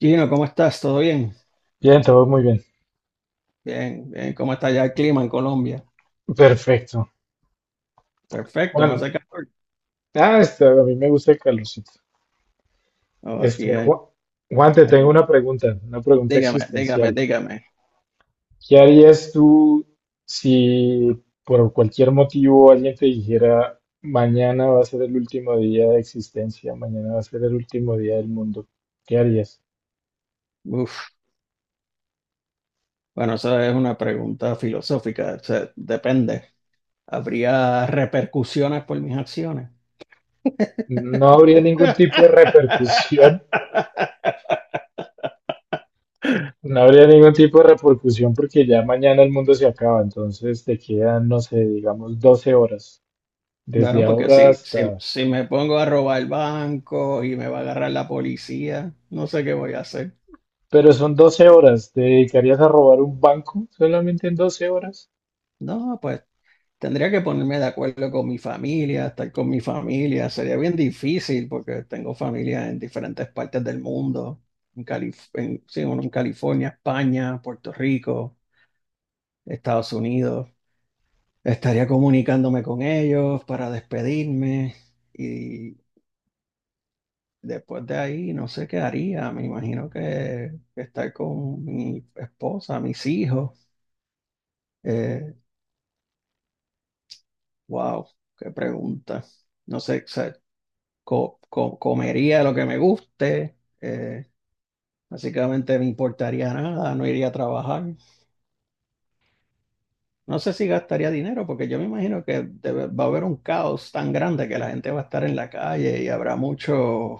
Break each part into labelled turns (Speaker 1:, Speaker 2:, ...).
Speaker 1: Gino, ¿cómo estás? ¿Todo bien?
Speaker 2: Bien, todo muy bien.
Speaker 1: Bien, bien. ¿Cómo está ya el clima en Colombia?
Speaker 2: Perfecto.
Speaker 1: Perfecto, no
Speaker 2: Juan,
Speaker 1: hace calor.
Speaker 2: a mí me gusta el calorcito.
Speaker 1: No, aquí,
Speaker 2: Juan, Te tengo
Speaker 1: aquí.
Speaker 2: una pregunta
Speaker 1: Dígame, dígame,
Speaker 2: existencial.
Speaker 1: dígame.
Speaker 2: ¿Qué harías tú si por cualquier motivo alguien te dijera, mañana va a ser el último día de existencia, mañana va a ser el último día del mundo? ¿Qué harías?
Speaker 1: Uf. Bueno, esa es una pregunta filosófica. O sea, depende. ¿Habría repercusiones por mis acciones?
Speaker 2: No habría ningún tipo de repercusión, no habría ningún tipo de repercusión porque ya mañana el mundo se acaba, entonces te quedan, no sé, digamos 12 horas. Desde
Speaker 1: Bueno, porque
Speaker 2: ahora
Speaker 1: si, si,
Speaker 2: hasta...
Speaker 1: si me pongo a robar el banco y me va a agarrar la policía, no sé qué voy a hacer.
Speaker 2: Pero son 12 horas. ¿Te dedicarías a robar un banco solamente en 12 horas?
Speaker 1: No, pues tendría que ponerme de acuerdo con mi familia, estar con mi familia. Sería bien difícil porque tengo familia en diferentes partes del mundo. En sí, uno en California, España, Puerto Rico, Estados Unidos. Estaría comunicándome con ellos para despedirme y después de ahí no sé qué haría. Me imagino que estar con mi esposa, mis hijos. Eh, wow, qué pregunta. No sé, o sea, comería lo que me guste, básicamente me importaría nada, no iría a trabajar. No sé si gastaría dinero, porque yo me imagino que va a haber un caos tan grande que la gente va a estar en la calle y habrá mucho,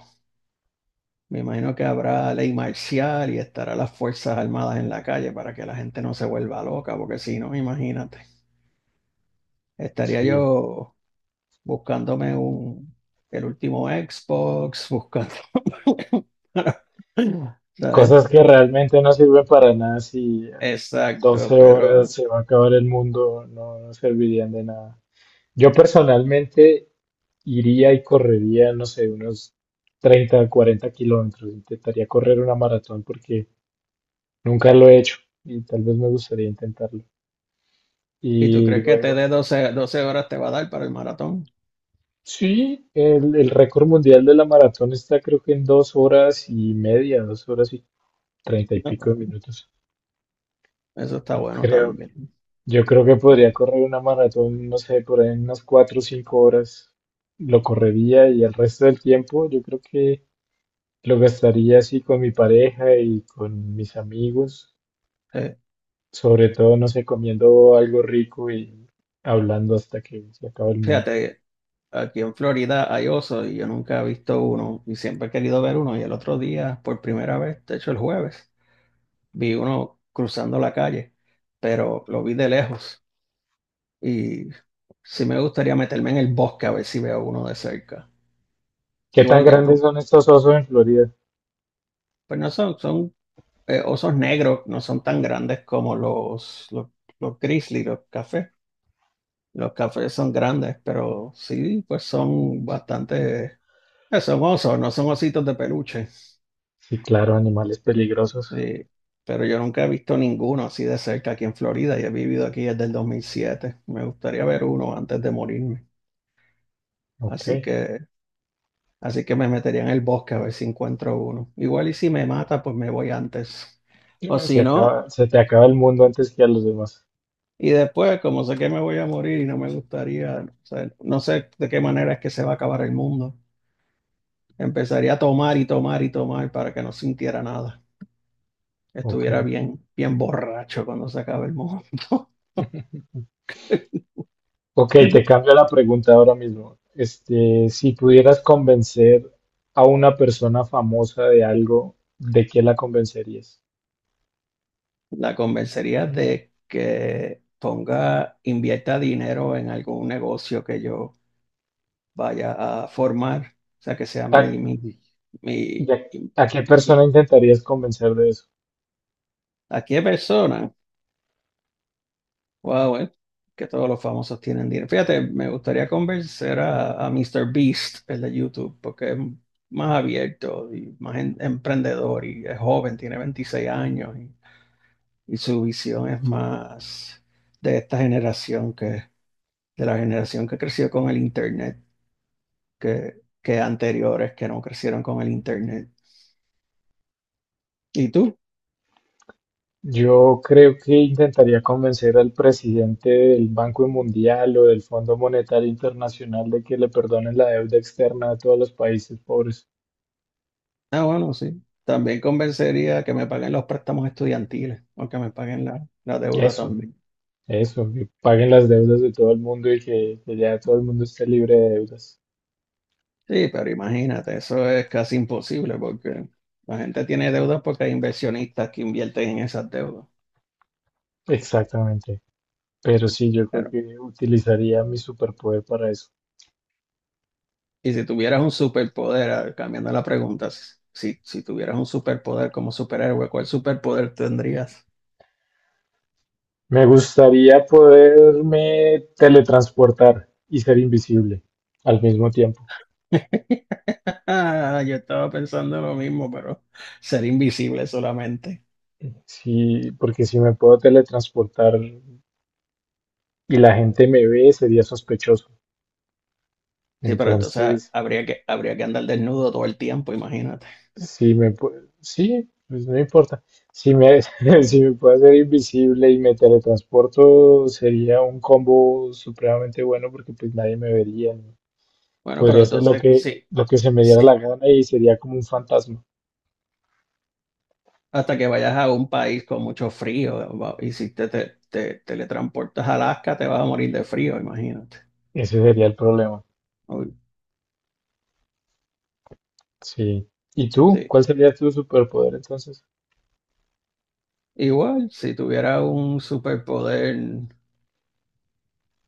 Speaker 1: me imagino que habrá ley marcial y estará las Fuerzas Armadas en la calle para que la gente no se vuelva loca, porque si no, imagínate, estaría
Speaker 2: Sí.
Speaker 1: yo buscándome un. El último Xbox, buscando para- ¿sabes?
Speaker 2: Cosas que realmente no sirven para nada si en 12
Speaker 1: Exacto, pero
Speaker 2: horas se va a acabar el mundo, no, no servirían de nada. Yo personalmente iría y correría, no sé, unos 30, 40 kilómetros. Intentaría correr una maratón porque nunca lo he hecho y tal vez me gustaría intentarlo.
Speaker 1: ¿y tú
Speaker 2: Y
Speaker 1: crees que te
Speaker 2: luego...
Speaker 1: dé doce horas te va a dar para el maratón?
Speaker 2: Sí, el récord mundial de la maratón está creo que en 2 horas y media, dos horas y treinta y pico
Speaker 1: No.
Speaker 2: de minutos.
Speaker 1: Eso está
Speaker 2: Yo
Speaker 1: bueno
Speaker 2: creo,
Speaker 1: también.
Speaker 2: yo creo que podría correr una maratón, no sé, por ahí en unas 4 o 5 horas. Lo correría y el resto del tiempo yo creo que lo gastaría así con mi pareja y con mis amigos,
Speaker 1: Eh,
Speaker 2: sobre todo, no sé, comiendo algo rico y hablando hasta que se acabe el mundo.
Speaker 1: fíjate, aquí en Florida hay osos y yo nunca he visto uno y siempre he querido ver uno y el otro día, por primera vez, de hecho el jueves, vi uno cruzando la calle, pero lo vi de lejos y sí me gustaría meterme en el bosque a ver si veo uno de cerca.
Speaker 2: ¿Qué tan
Speaker 1: Igual ya
Speaker 2: grandes
Speaker 1: no,
Speaker 2: son estos osos en Florida?
Speaker 1: pues no son, son osos negros no son tan grandes como los grizzly, los cafés. Los cafés son grandes, pero sí, pues son bastante. Son osos, no son ositos de peluche.
Speaker 2: Sí, claro, animales peligrosos.
Speaker 1: Sí, pero yo nunca he visto ninguno así de cerca aquí en Florida y he vivido aquí desde el 2007. Me gustaría ver uno antes de morirme. Así
Speaker 2: Ok.
Speaker 1: que, así que me metería en el bosque a ver si encuentro uno. Igual y si me mata, pues me voy antes. O
Speaker 2: Se
Speaker 1: si no.
Speaker 2: acaba, se te acaba el mundo antes que a los demás.
Speaker 1: Y después, como sé que me voy a morir y no me gustaría, o sea, no sé de qué manera es que se va a acabar el mundo. Empezaría a tomar y tomar y tomar para que no sintiera nada.
Speaker 2: Ok.
Speaker 1: Estuviera bien, bien borracho cuando se acabe el mundo.
Speaker 2: Ok, te cambio la pregunta ahora mismo. Este, si pudieras convencer a una persona famosa de algo, ¿de qué la convencerías?
Speaker 1: La convencería de que ponga, invierta dinero en algún negocio que yo vaya a formar, o sea, que sea
Speaker 2: ¿A,
Speaker 1: mi, mi, mi,
Speaker 2: y a-
Speaker 1: mi-
Speaker 2: a qué persona
Speaker 1: mi-
Speaker 2: intentarías convencer de eso?
Speaker 1: ¿a qué persona? Wow, que todos los famosos tienen dinero. Fíjate, me gustaría convencer a Mr. Beast, el de YouTube, porque es más abierto y más emprendedor y es joven, tiene 26 años y su visión es más de esta generación de la generación que creció con el Internet, que anteriores que no crecieron con el Internet. ¿Y tú?
Speaker 2: Yo creo que intentaría convencer al presidente del Banco Mundial o del Fondo Monetario Internacional de que le perdonen la deuda externa a todos los países pobres.
Speaker 1: Ah, bueno, sí. También convencería que me paguen los préstamos estudiantiles o que me paguen la, la deuda
Speaker 2: Eso.
Speaker 1: también.
Speaker 2: Eso, que paguen las deudas de todo el mundo y que ya todo el mundo esté libre de deudas.
Speaker 1: Sí, pero imagínate, eso es casi imposible porque la gente tiene deudas porque hay inversionistas que invierten en esas deudas.
Speaker 2: Exactamente. Pero sí, yo creo
Speaker 1: Claro.
Speaker 2: que utilizaría mi superpoder para eso.
Speaker 1: Y si tuvieras un superpoder, a ver, cambiando la pregunta, si tuvieras un superpoder como superhéroe, ¿cuál superpoder tendrías?
Speaker 2: Me gustaría poderme teletransportar y ser invisible al mismo tiempo.
Speaker 1: Ah, yo estaba pensando lo mismo, pero ser invisible solamente.
Speaker 2: Sí, porque si me puedo teletransportar y la gente me ve, sería sospechoso.
Speaker 1: Sí, pero entonces
Speaker 2: Entonces,
Speaker 1: habría que andar desnudo todo el tiempo, imagínate.
Speaker 2: Si me pu- sí, pues no importa. Si me, si me puedo hacer invisible y me teletransporto, sería un combo supremamente bueno porque pues nadie me vería, ¿no?
Speaker 1: Bueno,
Speaker 2: Podría
Speaker 1: pero
Speaker 2: hacer lo
Speaker 1: entonces,
Speaker 2: que,
Speaker 1: sí,
Speaker 2: lo que se me diera la
Speaker 1: sí,
Speaker 2: gana y sería como un fantasma.
Speaker 1: hasta que vayas a un país con mucho frío y si te teletransportas a Alaska te vas a morir de frío, imagínate.
Speaker 2: Ese sería el problema.
Speaker 1: Uy,
Speaker 2: Sí. ¿Y tú?
Speaker 1: sí.
Speaker 2: ¿Cuál sería tu superpoder entonces?
Speaker 1: Igual, si tuviera un superpoder,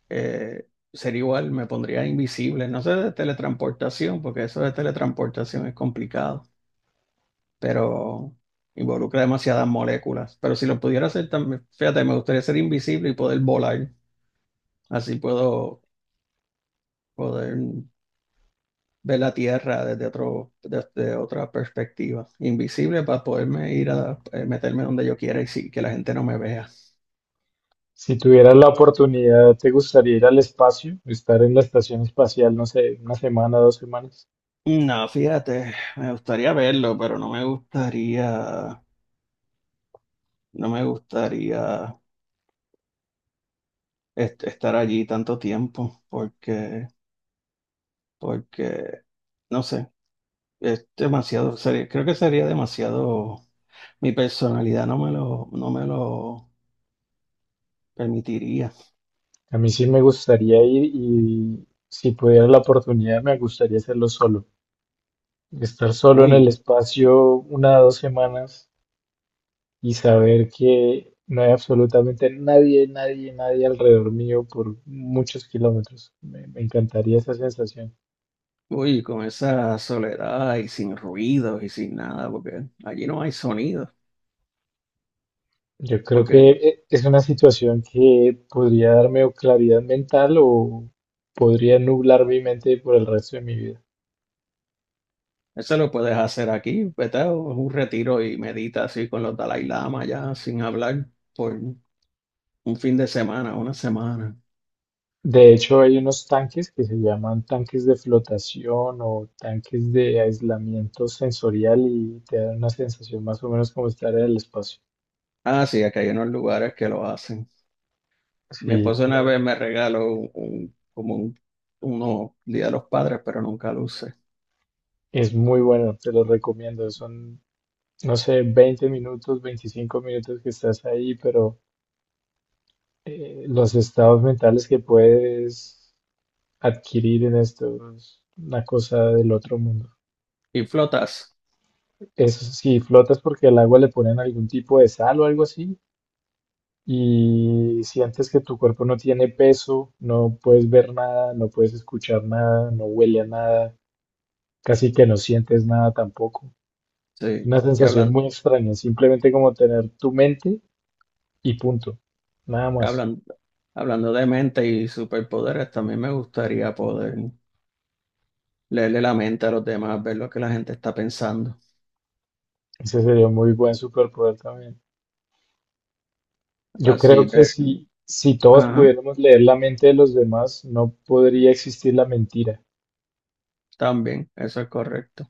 Speaker 1: sería igual, me pondría invisible. No sé de teletransportación, porque eso de teletransportación es complicado, pero involucra demasiadas moléculas. Pero si lo pudiera hacer también, fíjate, me gustaría ser invisible y poder volar. Así puedo poder ver la Tierra desde otra perspectiva, invisible para poderme ir a meterme donde yo quiera y sí, que la gente no me vea.
Speaker 2: Si tuvieras la oportunidad, ¿te gustaría ir al espacio? Estar en la estación espacial, no sé, una semana, dos semanas.
Speaker 1: No, fíjate, me gustaría verlo, pero no me gustaría estar allí tanto tiempo, porque, no sé, es demasiado, creo que sería demasiado, mi personalidad no me lo permitiría.
Speaker 2: A mí sí me gustaría ir y si pudiera la oportunidad me gustaría hacerlo solo. Estar solo en
Speaker 1: Uy,
Speaker 2: el espacio una o dos semanas y saber que no hay absolutamente nadie, nadie, nadie alrededor mío por muchos kilómetros. Me encantaría esa sensación.
Speaker 1: Uy, con esa soledad y sin ruidos y sin nada, porque allí no hay sonido,
Speaker 2: Yo creo que
Speaker 1: porque
Speaker 2: es una situación que podría darme o claridad mental o podría nublar mi mente por el resto de mi vida.
Speaker 1: eso lo puedes hacer aquí, vete a un retiro y medita así con los Dalai Lama ya sin hablar por un fin de semana, una semana.
Speaker 2: De hecho, hay unos tanques que se llaman tanques de flotación o tanques de aislamiento sensorial y te dan una sensación más o menos como estar en el espacio.
Speaker 1: Ah, sí, aquí hay unos lugares que lo hacen. Mi
Speaker 2: Sí,
Speaker 1: esposo una vez me regaló como un uno Día de los Padres, pero nunca lo usé.
Speaker 2: es muy bueno, te lo recomiendo. Son, no sé, 20 minutos, 25 minutos que estás ahí, pero los estados mentales que puedes adquirir en esto es una cosa del otro mundo.
Speaker 1: Y flotas,
Speaker 2: Eso sí, flotas porque al agua le ponen algún tipo de sal o algo así y sientes que tu cuerpo no tiene peso, no puedes ver nada, no puedes escuchar nada, no huele a nada, casi que no sientes nada tampoco. Es
Speaker 1: sí,
Speaker 2: una
Speaker 1: y
Speaker 2: sensación muy extraña, simplemente como tener tu mente y punto, nada más.
Speaker 1: hablan, hablando de mente y superpoderes, también me gustaría poder leerle la mente a los demás, ver lo que la gente está pensando.
Speaker 2: Ese sería un muy buen superpoder también. Yo creo
Speaker 1: Así,
Speaker 2: que
Speaker 1: ver,
Speaker 2: si todos
Speaker 1: ajá,
Speaker 2: pudiéramos leer la mente de los demás, no podría existir la mentira.
Speaker 1: también, eso es correcto.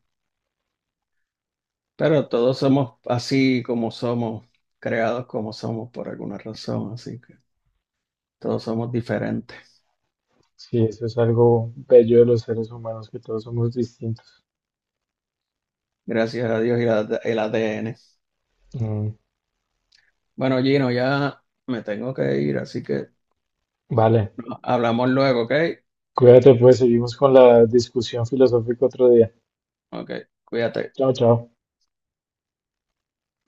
Speaker 1: Pero todos somos así como somos, creados como somos por alguna razón, así que todos somos diferentes.
Speaker 2: Sí, eso es algo bello de los seres humanos, que todos somos distintos.
Speaker 1: Gracias a Dios y el ADN.
Speaker 2: Mm,
Speaker 1: Bueno, Gino, ya me tengo que ir, así que
Speaker 2: vale.
Speaker 1: hablamos luego, ¿ok?
Speaker 2: Cuídate, pues seguimos con la discusión filosófica otro día.
Speaker 1: Ok, cuídate.
Speaker 2: Chao, chao.